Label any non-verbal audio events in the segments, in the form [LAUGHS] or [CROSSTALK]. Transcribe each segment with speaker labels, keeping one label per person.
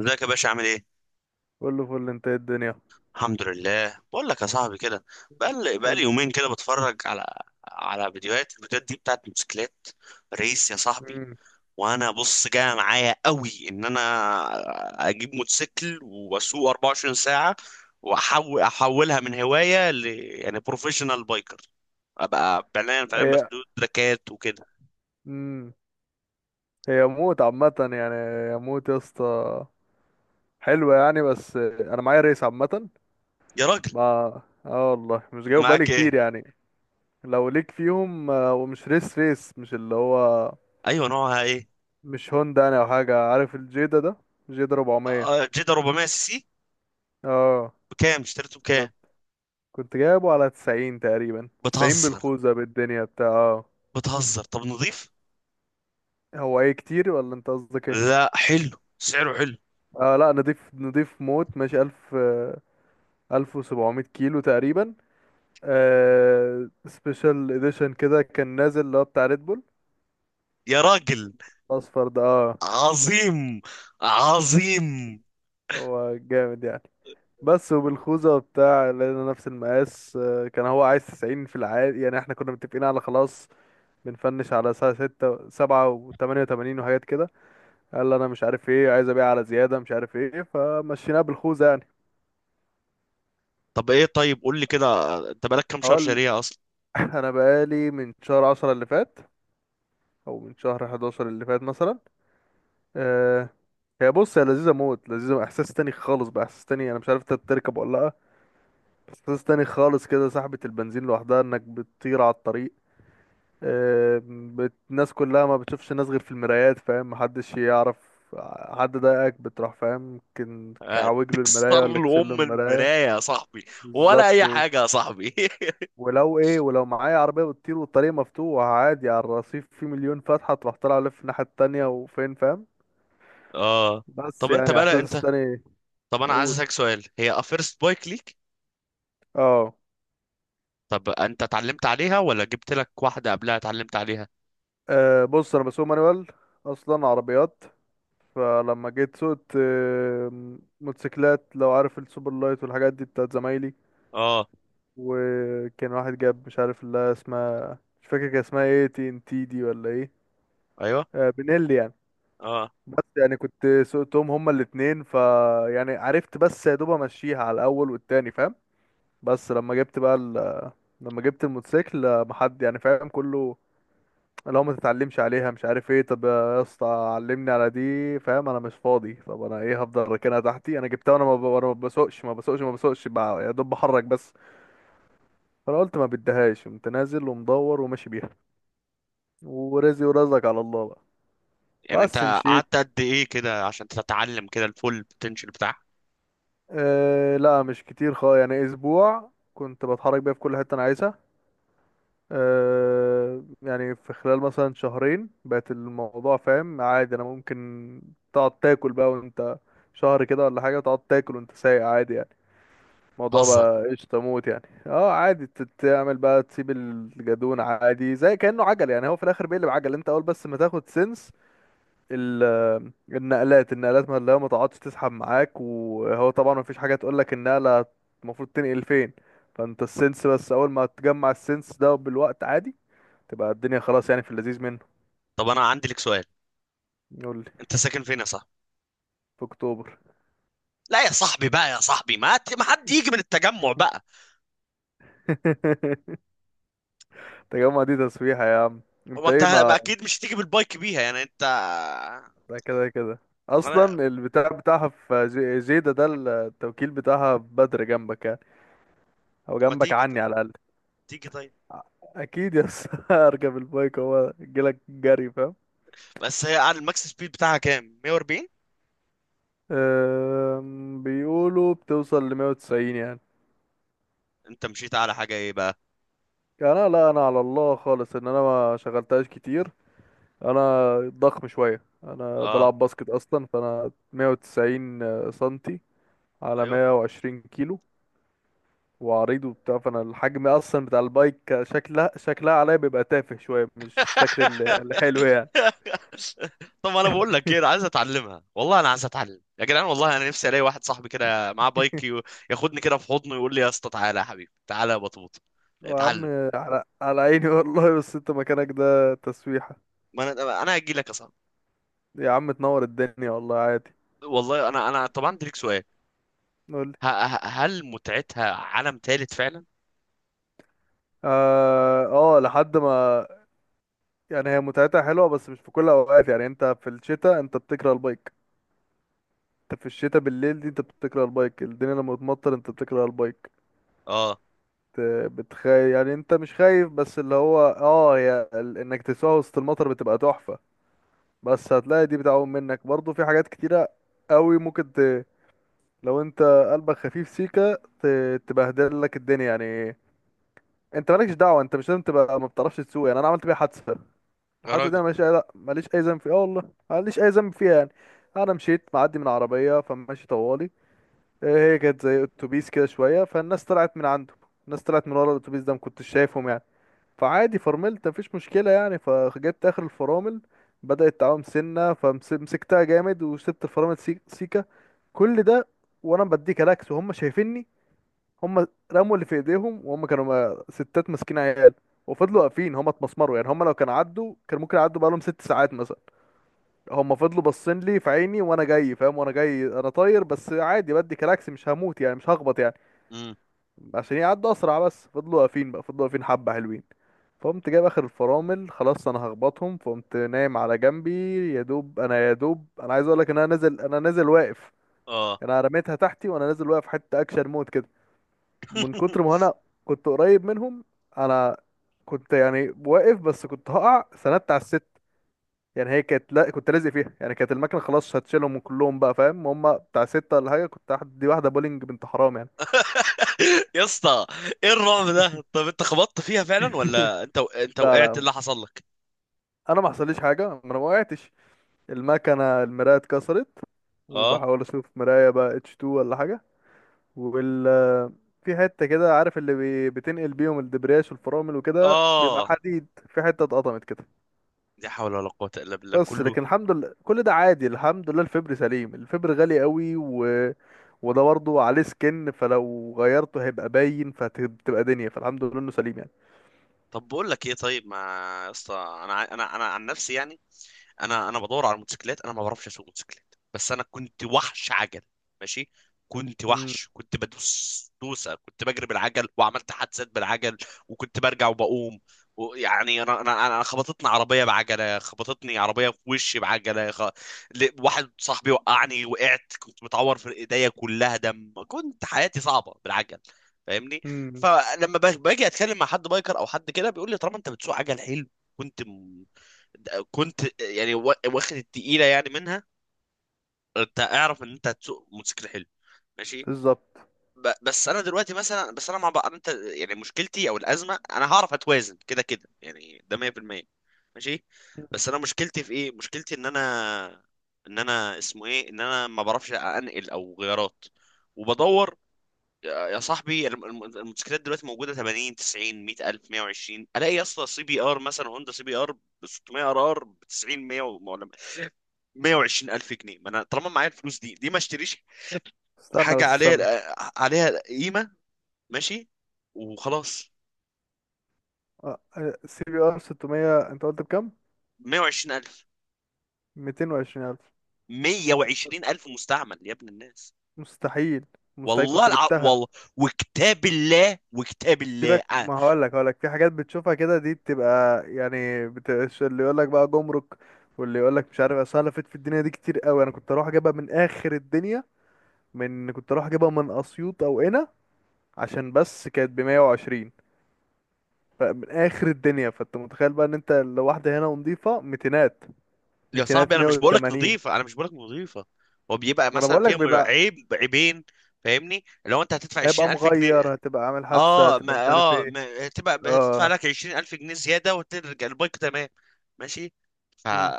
Speaker 1: ازيك يا باشا عامل ايه؟
Speaker 2: كله فل. انت ايه الدنيا؟
Speaker 1: الحمد لله. بقول لك يا صاحبي كده، بقى
Speaker 2: قول
Speaker 1: لي
Speaker 2: لي.
Speaker 1: يومين كده بتفرج على على فيديوهات الفيديوهات دي بتاعت موتوسيكلات ريس يا صاحبي.
Speaker 2: امم.
Speaker 1: وانا بص جاي معايا قوي ان انا اجيب موتوسيكل واسوق 24 ساعة، احولها من هواية ل بروفيشنال بايكر، ابقى فعليا
Speaker 2: هي
Speaker 1: بسوق تراكات وكده.
Speaker 2: امم هي موت عامة، يعني هي موت يا اسطى. حلوة يعني، بس انا معايا ريس عامة.
Speaker 1: يا راجل،
Speaker 2: ما اه والله مش جايب بالي
Speaker 1: معاك ايه؟
Speaker 2: كتير يعني. لو ليك فيهم، ومش ريس ريس، مش اللي هو
Speaker 1: ايوه، نوعها ايه؟
Speaker 2: مش هوندا يعني، او حاجة، عارف الجيدا ده، جيدا 400.
Speaker 1: آه، جيدا 400 سي سي.
Speaker 2: اه،
Speaker 1: بكام؟ اشتريته بكام؟
Speaker 2: بالظبط. كنت جايبه على 90 تقريبا، 90
Speaker 1: بتهزر،
Speaker 2: بالخوذة بالدنيا بتاع اه
Speaker 1: بتهزر. طب نضيف؟
Speaker 2: هو ايه، كتير ولا انت قصدك ايه؟
Speaker 1: لا، حلو، سعره حلو.
Speaker 2: اه لا، نضيف، نضيف موت، ماشي 1000. 1700 كيلو تقريبا. سبيشال اديشن كده، كان نازل اللي هو بتاع ريد بول
Speaker 1: يا راجل،
Speaker 2: اصفر ده. اه،
Speaker 1: عظيم، عظيم.
Speaker 2: هو جامد يعني. بس وبالخوذة وبتاع، لقينا نفس المقاس، كان هو عايز 90 في العادي، يعني احنا كنا متفقين على خلاص. بنفنش على الساعة ستة سبعة وتمانية وتمانين وحاجات كده. قال لي انا مش عارف ايه، عايز ابيع على زيادة، مش عارف ايه، فمشيناها بالخوذة يعني.
Speaker 1: طب ايه، طيب قول لي كده، انت بقالك كام شهر
Speaker 2: هقول.
Speaker 1: شاريها اصلا؟
Speaker 2: [LAUGHS] انا بقالي من شهر عشرة اللي فات، او من شهر حداشر اللي فات مثلا. آه، هي بص، هي لذيذة موت، لذيذة، احساس تاني خالص بقى، احساس تاني، انا مش عارف انت تركب ولا لا. بس احساس تاني خالص كده، سحبة البنزين لوحدها، انك بتطير على الطريق. الناس كلها ما بتشوفش الناس غير في المرايات، فاهم؟ محدش يعرف. حد ضايقك بتروح، فاهم؟ يمكن
Speaker 1: آه،
Speaker 2: كعوج له المراية
Speaker 1: تكسر
Speaker 2: ولا كسر له
Speaker 1: لأم
Speaker 2: المراية.
Speaker 1: المراية يا صاحبي، ولا
Speaker 2: بالظبط
Speaker 1: أي حاجة يا صاحبي. [LAUGHS]
Speaker 2: ولو معايا عربية بتطير والطريق مفتوح، عادي على الرصيف، في مليون فتحة تروح، طالع لف الناحية التانية وفين، فاهم.
Speaker 1: اه.
Speaker 2: بس
Speaker 1: طب انت
Speaker 2: يعني
Speaker 1: بقى
Speaker 2: احساس
Speaker 1: انت،
Speaker 2: تاني.
Speaker 1: طب انا عايز
Speaker 2: اقول.
Speaker 1: اسالك سؤال، هي فيرست بايك ليك؟
Speaker 2: اه.
Speaker 1: طب انت اتعلمت عليها ولا جبت لك واحدة قبلها اتعلمت عليها؟
Speaker 2: أه، بص، انا بسوق مانوال اصلا عربيات. فلما جيت سوقت موتوسيكلات، لو عارف السوبر لايت والحاجات دي بتاعت زمايلي.
Speaker 1: اه.
Speaker 2: وكان واحد جاب، مش عارف اللي اسمها، مش فاكر كان اسمها ايه، TNTD ولا ايه.
Speaker 1: ايوه.
Speaker 2: آه، بنيلي يعني.
Speaker 1: اه.
Speaker 2: بس يعني كنت سوقتهم هما الاتنين، يعني عرفت، بس يا دوب امشيها على الاول والتاني، فاهم. بس لما جبت بقى لما جبت الموتوسيكل، محد يعني فاهم كله. لو ما تتعلمش عليها مش عارف ايه، طب يا اسطى علمني على دي، فاهم، انا مش فاضي، طب انا ايه، هفضل راكنها تحتي، انا جبتها وانا ما ب- وانا ما بسوقش ما بسوقش ما بسوقش، يا دوب بحرك بس. فانا قلت ما بديهاش، قمت نازل ومدور وماشي بيها، ورزقي ورزقك على الله بقى.
Speaker 1: يعني
Speaker 2: بس
Speaker 1: انت
Speaker 2: مشيت.
Speaker 1: قعدت قد ايه كده عشان تتعلم كده الفول بوتنشال بتاعها؟
Speaker 2: آه لا، مش كتير خالص يعني، اسبوع كنت بتحرك بيها في كل حته انا عايزها. يعني في خلال مثلا شهرين بقت الموضوع، فاهم، عادي، انا ممكن. تقعد تاكل بقى وانت شهر كده، ولا حاجة، تقعد تاكل وانت سايق عادي يعني. الموضوع
Speaker 1: بتهزر.
Speaker 2: بقى قشطة موت يعني، اه عادي، تعمل بقى، تسيب الجدون عادي زي كأنه عجل يعني. هو في الاخر بيقلب عجل، انت اول بس ما تاخد سنس. النقلات، النقلات ما اللي هو، ما تقعدش تسحب معاك، وهو طبعا ما فيش حاجة تقول لك النقلة المفروض تنقل فين. فانت السنس بس، اول ما تجمع السنس ده بالوقت، عادي تبقى الدنيا خلاص، يعني في اللذيذ منه.
Speaker 1: طب انا عندي لك سؤال،
Speaker 2: يقول لي.
Speaker 1: انت ساكن فين يا صاحبي؟
Speaker 2: في اكتوبر.
Speaker 1: لا يا صاحبي، بقى يا صاحبي ما حد يجي من التجمع بقى.
Speaker 2: [LAUGHS] تجمع دي تسويحة يا عم.
Speaker 1: هو
Speaker 2: انت
Speaker 1: انت
Speaker 2: ايه
Speaker 1: ما
Speaker 2: ما
Speaker 1: اكيد مش تيجي بالبايك بيها يعني انت؟
Speaker 2: ده كده كده.
Speaker 1: انا
Speaker 2: اصلا البتاع بتاعها في زيدة ده. التوكيل بتاعها في بدر جنبك يعني، او
Speaker 1: طب ما
Speaker 2: جنبك
Speaker 1: تيجي
Speaker 2: عني
Speaker 1: طيب،
Speaker 2: على الاقل.
Speaker 1: تيجي طيب.
Speaker 2: اكيد يا اسطى. [LAUGHS] اركب البايك، هو جيلك جري فاهم.
Speaker 1: بس هي على الماكس سبيد بتاعها كام، 140؟
Speaker 2: بيقولوا بتوصل ل 190 يعني.
Speaker 1: انت مشيت على حاجه ايه بقى؟
Speaker 2: يعني انا، لا، انا على الله خالص ان انا ما شغلتهاش كتير. انا ضخم شويه، انا
Speaker 1: اه.
Speaker 2: بلعب باسكت اصلا، فانا 190 سنتي على
Speaker 1: ايوه.
Speaker 2: 120 كيلو، وعريض وبتاع. فانا الحجم اصلا بتاع البايك، شكلها عليا بيبقى تافه شويه، مش الشكل الحلو
Speaker 1: [LAUGHS]
Speaker 2: يعني.
Speaker 1: طب انا بقول لك ايه، انا عايز اتعلمها والله، انا عايز اتعلم يا جدعان، والله انا نفسي الاقي واحد صاحبي كده معاه بايك ياخدني كده في حضنه ويقول لي يا اسطى تعالى يا حبيبي تعالى يا بطوط
Speaker 2: يا عم
Speaker 1: اتعلم.
Speaker 2: على عيني والله، بس انت مكانك ده تسويحه.
Speaker 1: ما انا هجي لك يا صاحبي.
Speaker 2: يا عم تنور الدنيا والله عادي.
Speaker 1: والله انا طبعا عندي ليك سؤال.
Speaker 2: قول لي.
Speaker 1: هل متعتها عالم ثالث فعلا؟
Speaker 2: اه، آه، لحد ما. يعني هي متعتها حلوه بس مش في كل الاوقات، يعني انت في الشتاء انت بتكره البايك، انت في الشتاء بالليل دي انت بتكره البايك، الدنيا لما بتمطر انت بتكره البايك.
Speaker 1: اه.
Speaker 2: بت- بتخايف يعني، انت مش خايف، بس اللي هو هي انك تسوق وسط المطر بتبقى تحفة، بس هتلاقي دي بتعوم منك برضو، في حاجات كتيرة قوي ممكن لو انت قلبك خفيف سيكا تبهدل لك الدنيا يعني. انت مالكش دعوة، انت مش لازم تبقى ما بتعرفش تسوق، يعني انا عملت بيها حادثة.
Speaker 1: يا
Speaker 2: الحادثة دي
Speaker 1: راجل.
Speaker 2: انا ماليش اي لا، ماليش اي ذنب فيها، اه والله ماليش اي ذنب فيها يعني. انا مشيت معدي من عربية، فماشي طوالي. إيه، هي كانت زي اتوبيس كده شويه، فالناس طلعت من عنده، الناس طلعت من ورا الاتوبيس ده، ما كنتش شايفهم يعني. فعادي فرملت، مفيش مشكله يعني، فجبت اخر الفرامل، بدات تعوم سنه، فمسكتها جامد وسبت الفرامل سيكه. كل ده وانا بديك الاكس وهم شايفيني. هم رموا اللي في ايديهم، وهم كانوا ستات ماسكين عيال، وفضلوا واقفين، هم اتمسمروا يعني، هم لو كانوا عدوا كان ممكن يعدوا بقالهم ست ساعات مثلا. هم فضلوا باصين لي في عيني وانا جاي، فاهم، وانا جاي انا طاير، بس عادي بدي كلاكس، مش هموت يعني، مش هخبط يعني،
Speaker 1: امم.
Speaker 2: عشان يعدوا اسرع. بس فضلوا واقفين بقى، فضلوا واقفين حبه حلوين. فقمت جايب اخر الفرامل، خلاص انا هخبطهم، فقمت نايم على جنبي. يا دوب انا عايز اقول لك ان انا نازل واقف.
Speaker 1: اه.
Speaker 2: يعني انا رميتها تحتي وانا نازل واقف، حته اكشن مود كده، من كتر ما
Speaker 1: [LAUGHS]
Speaker 2: انا كنت قريب منهم. انا كنت يعني واقف، بس كنت هقع، سندت على الست، يعني هي كانت، لا كنت لازق فيها يعني، كانت المكنه خلاص هتشيلهم كلهم بقى فاهم. هم بتاع سته ولا حاجه، كنت دي واحده بولينج، بنت حرام يعني.
Speaker 1: يا اسطى، ايه الرعب ده؟ طب انت خبطت فيها فعلا
Speaker 2: [LAUGHS]
Speaker 1: ولا انت
Speaker 2: لا
Speaker 1: وقعت؟
Speaker 2: لا،
Speaker 1: اللي حصل لك؟
Speaker 2: انا ما حصليش حاجه، ما انا ما وقعتش. المكنه المرايه اتكسرت،
Speaker 1: اه.
Speaker 2: وبحاول اشوف مرايه بقى، H2 ولا حاجه. وال في حته كده، عارف اللي بتنقل بيهم الدبرياش والفرامل وكده، بيبقى
Speaker 1: اه.
Speaker 2: حديد، في حته اتقطمت كده.
Speaker 1: لا حول ولا قوة الا بالله،
Speaker 2: بس
Speaker 1: كله.
Speaker 2: لكن الحمد لله، كل ده عادي، الحمد لله الفبر سليم، الفبر غالي قوي وده برضه عليه سكن، فلو غيرته هيبقى باين، فتبقى دنيا، فالحمد لله انه سليم يعني.
Speaker 1: طب بقول لك ايه، طيب ما، يا اسطى انا انا عن نفسي يعني، انا بدور على موتوسيكلات، انا ما بعرفش اسوق موتوسيكلات بس انا كنت وحش عجل. ماشي. كنت وحش، كنت بدوس دوسه، كنت بجري بالعجل وعملت حادثات بالعجل، وكنت برجع وبقوم. ويعني انا خبطتني عربيه بعجله، خبطتني عربيه في وشي بعجله، واحد صاحبي وقعني، وقعت كنت متعور في ايديا كلها دم، كنت حياتي صعبه بالعجل. فاهمني.
Speaker 2: امم.
Speaker 1: فلما باجي اتكلم مع حد بايكر او حد كده بيقول لي طالما انت بتسوق عجل حلو، كنت كنت يعني واخد التقيله يعني منها، انت اعرف ان انت هتسوق موتوسيكل حلو. ماشي.
Speaker 2: بالظبط.
Speaker 1: بس انا دلوقتي مثلا، بس انا مع بقى انت يعني، مشكلتي او الازمه، انا هعرف اتوازن كده كده يعني، ده 100%. ماشي. بس انا مشكلتي في ايه؟ مشكلتي ان انا، ان انا اسمه ايه، ان انا ما بعرفش انقل او غيارات، وبدور. يا صاحبي، الموتوسيكلات دلوقتي موجوده 80، 90، 100 الف، 120. الاقي يا اسطى سي بي ار مثلا، هوندا سي بي ار ب 600 ار ار ب 90، 100، 120 ألف جنيه. ما أنا طالما معايا الفلوس دي ليه ما اشتريش
Speaker 2: استنى
Speaker 1: حاجة
Speaker 2: بس
Speaker 1: عليها،
Speaker 2: استنى.
Speaker 1: عليها قيمة؟ ماشي، وخلاص.
Speaker 2: آه، آه، CBR 600، انت قلت بكام؟
Speaker 1: 120 ألف؟
Speaker 2: 220 الف؟
Speaker 1: 120 ألف مستعمل يا ابن الناس.
Speaker 2: مستحيل، مستحيل كنت جبتها.
Speaker 1: والله، وكتاب الله، وكتاب الله،
Speaker 2: سيبك،
Speaker 1: آه.
Speaker 2: ما هقول لك في حاجات بتشوفها كده، دي بتبقى يعني، بتبقاش اللي يقول لك بقى جمرك، واللي يقول لك مش عارف، اصل أنا لفيت في الدنيا دي كتير قوي. انا كنت اروح اجيبها من اخر الدنيا، كنت اروح اجيبها من اسيوط او هنا، عشان بس كانت ب 120. فمن اخر الدنيا، فانت متخيل بقى ان انت لو واحده هنا ونضيفه ميتينات،
Speaker 1: يا
Speaker 2: ميتينات
Speaker 1: صاحبي أنا مش بقولك
Speaker 2: 180.
Speaker 1: نظيفة، أنا مش بقولك نظيفة، هو بيبقى
Speaker 2: وانا
Speaker 1: مثلا
Speaker 2: بقول
Speaker 1: فيها
Speaker 2: لك
Speaker 1: عيب، عيبين. فاهمني، لو انت هتدفع
Speaker 2: هيبقى
Speaker 1: 20,000 جنيه،
Speaker 2: مغير، هتبقى عامل حادثة،
Speaker 1: اه
Speaker 2: هتبقى
Speaker 1: ما
Speaker 2: مش عارف
Speaker 1: اه
Speaker 2: ايه.
Speaker 1: ما... تبقى هتدفع
Speaker 2: اه.
Speaker 1: لك 20,000 جنيه زيادة وترجع البايك تمام. ماشي. ف
Speaker 2: مم.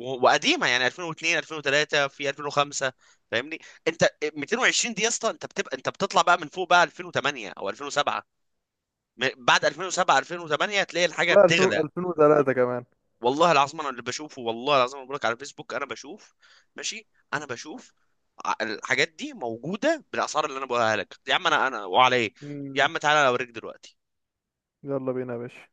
Speaker 1: وقديمه يعني 2002، 2003، في 2005. فاهمني انت. 220 دي يا اسطى، انت بتبقى انت بتطلع بقى من فوق بقى 2008 او 2007. بعد 2007، 2008 هتلاقي الحاجه
Speaker 2: والله 2000
Speaker 1: بتغلى.
Speaker 2: 2003 كمان.
Speaker 1: والله العظيم انا اللي بشوفه، والله العظيم انا بقولك على فيسبوك انا بشوف. ماشي. انا بشوف الحاجات دي موجوده بالاسعار اللي انا بقولها لك. يا عم انا انا، وعلى ايه؟ يا
Speaker 2: مم.
Speaker 1: عم تعالى اوريك دلوقتي.
Speaker 2: يلا بينا يا باشا.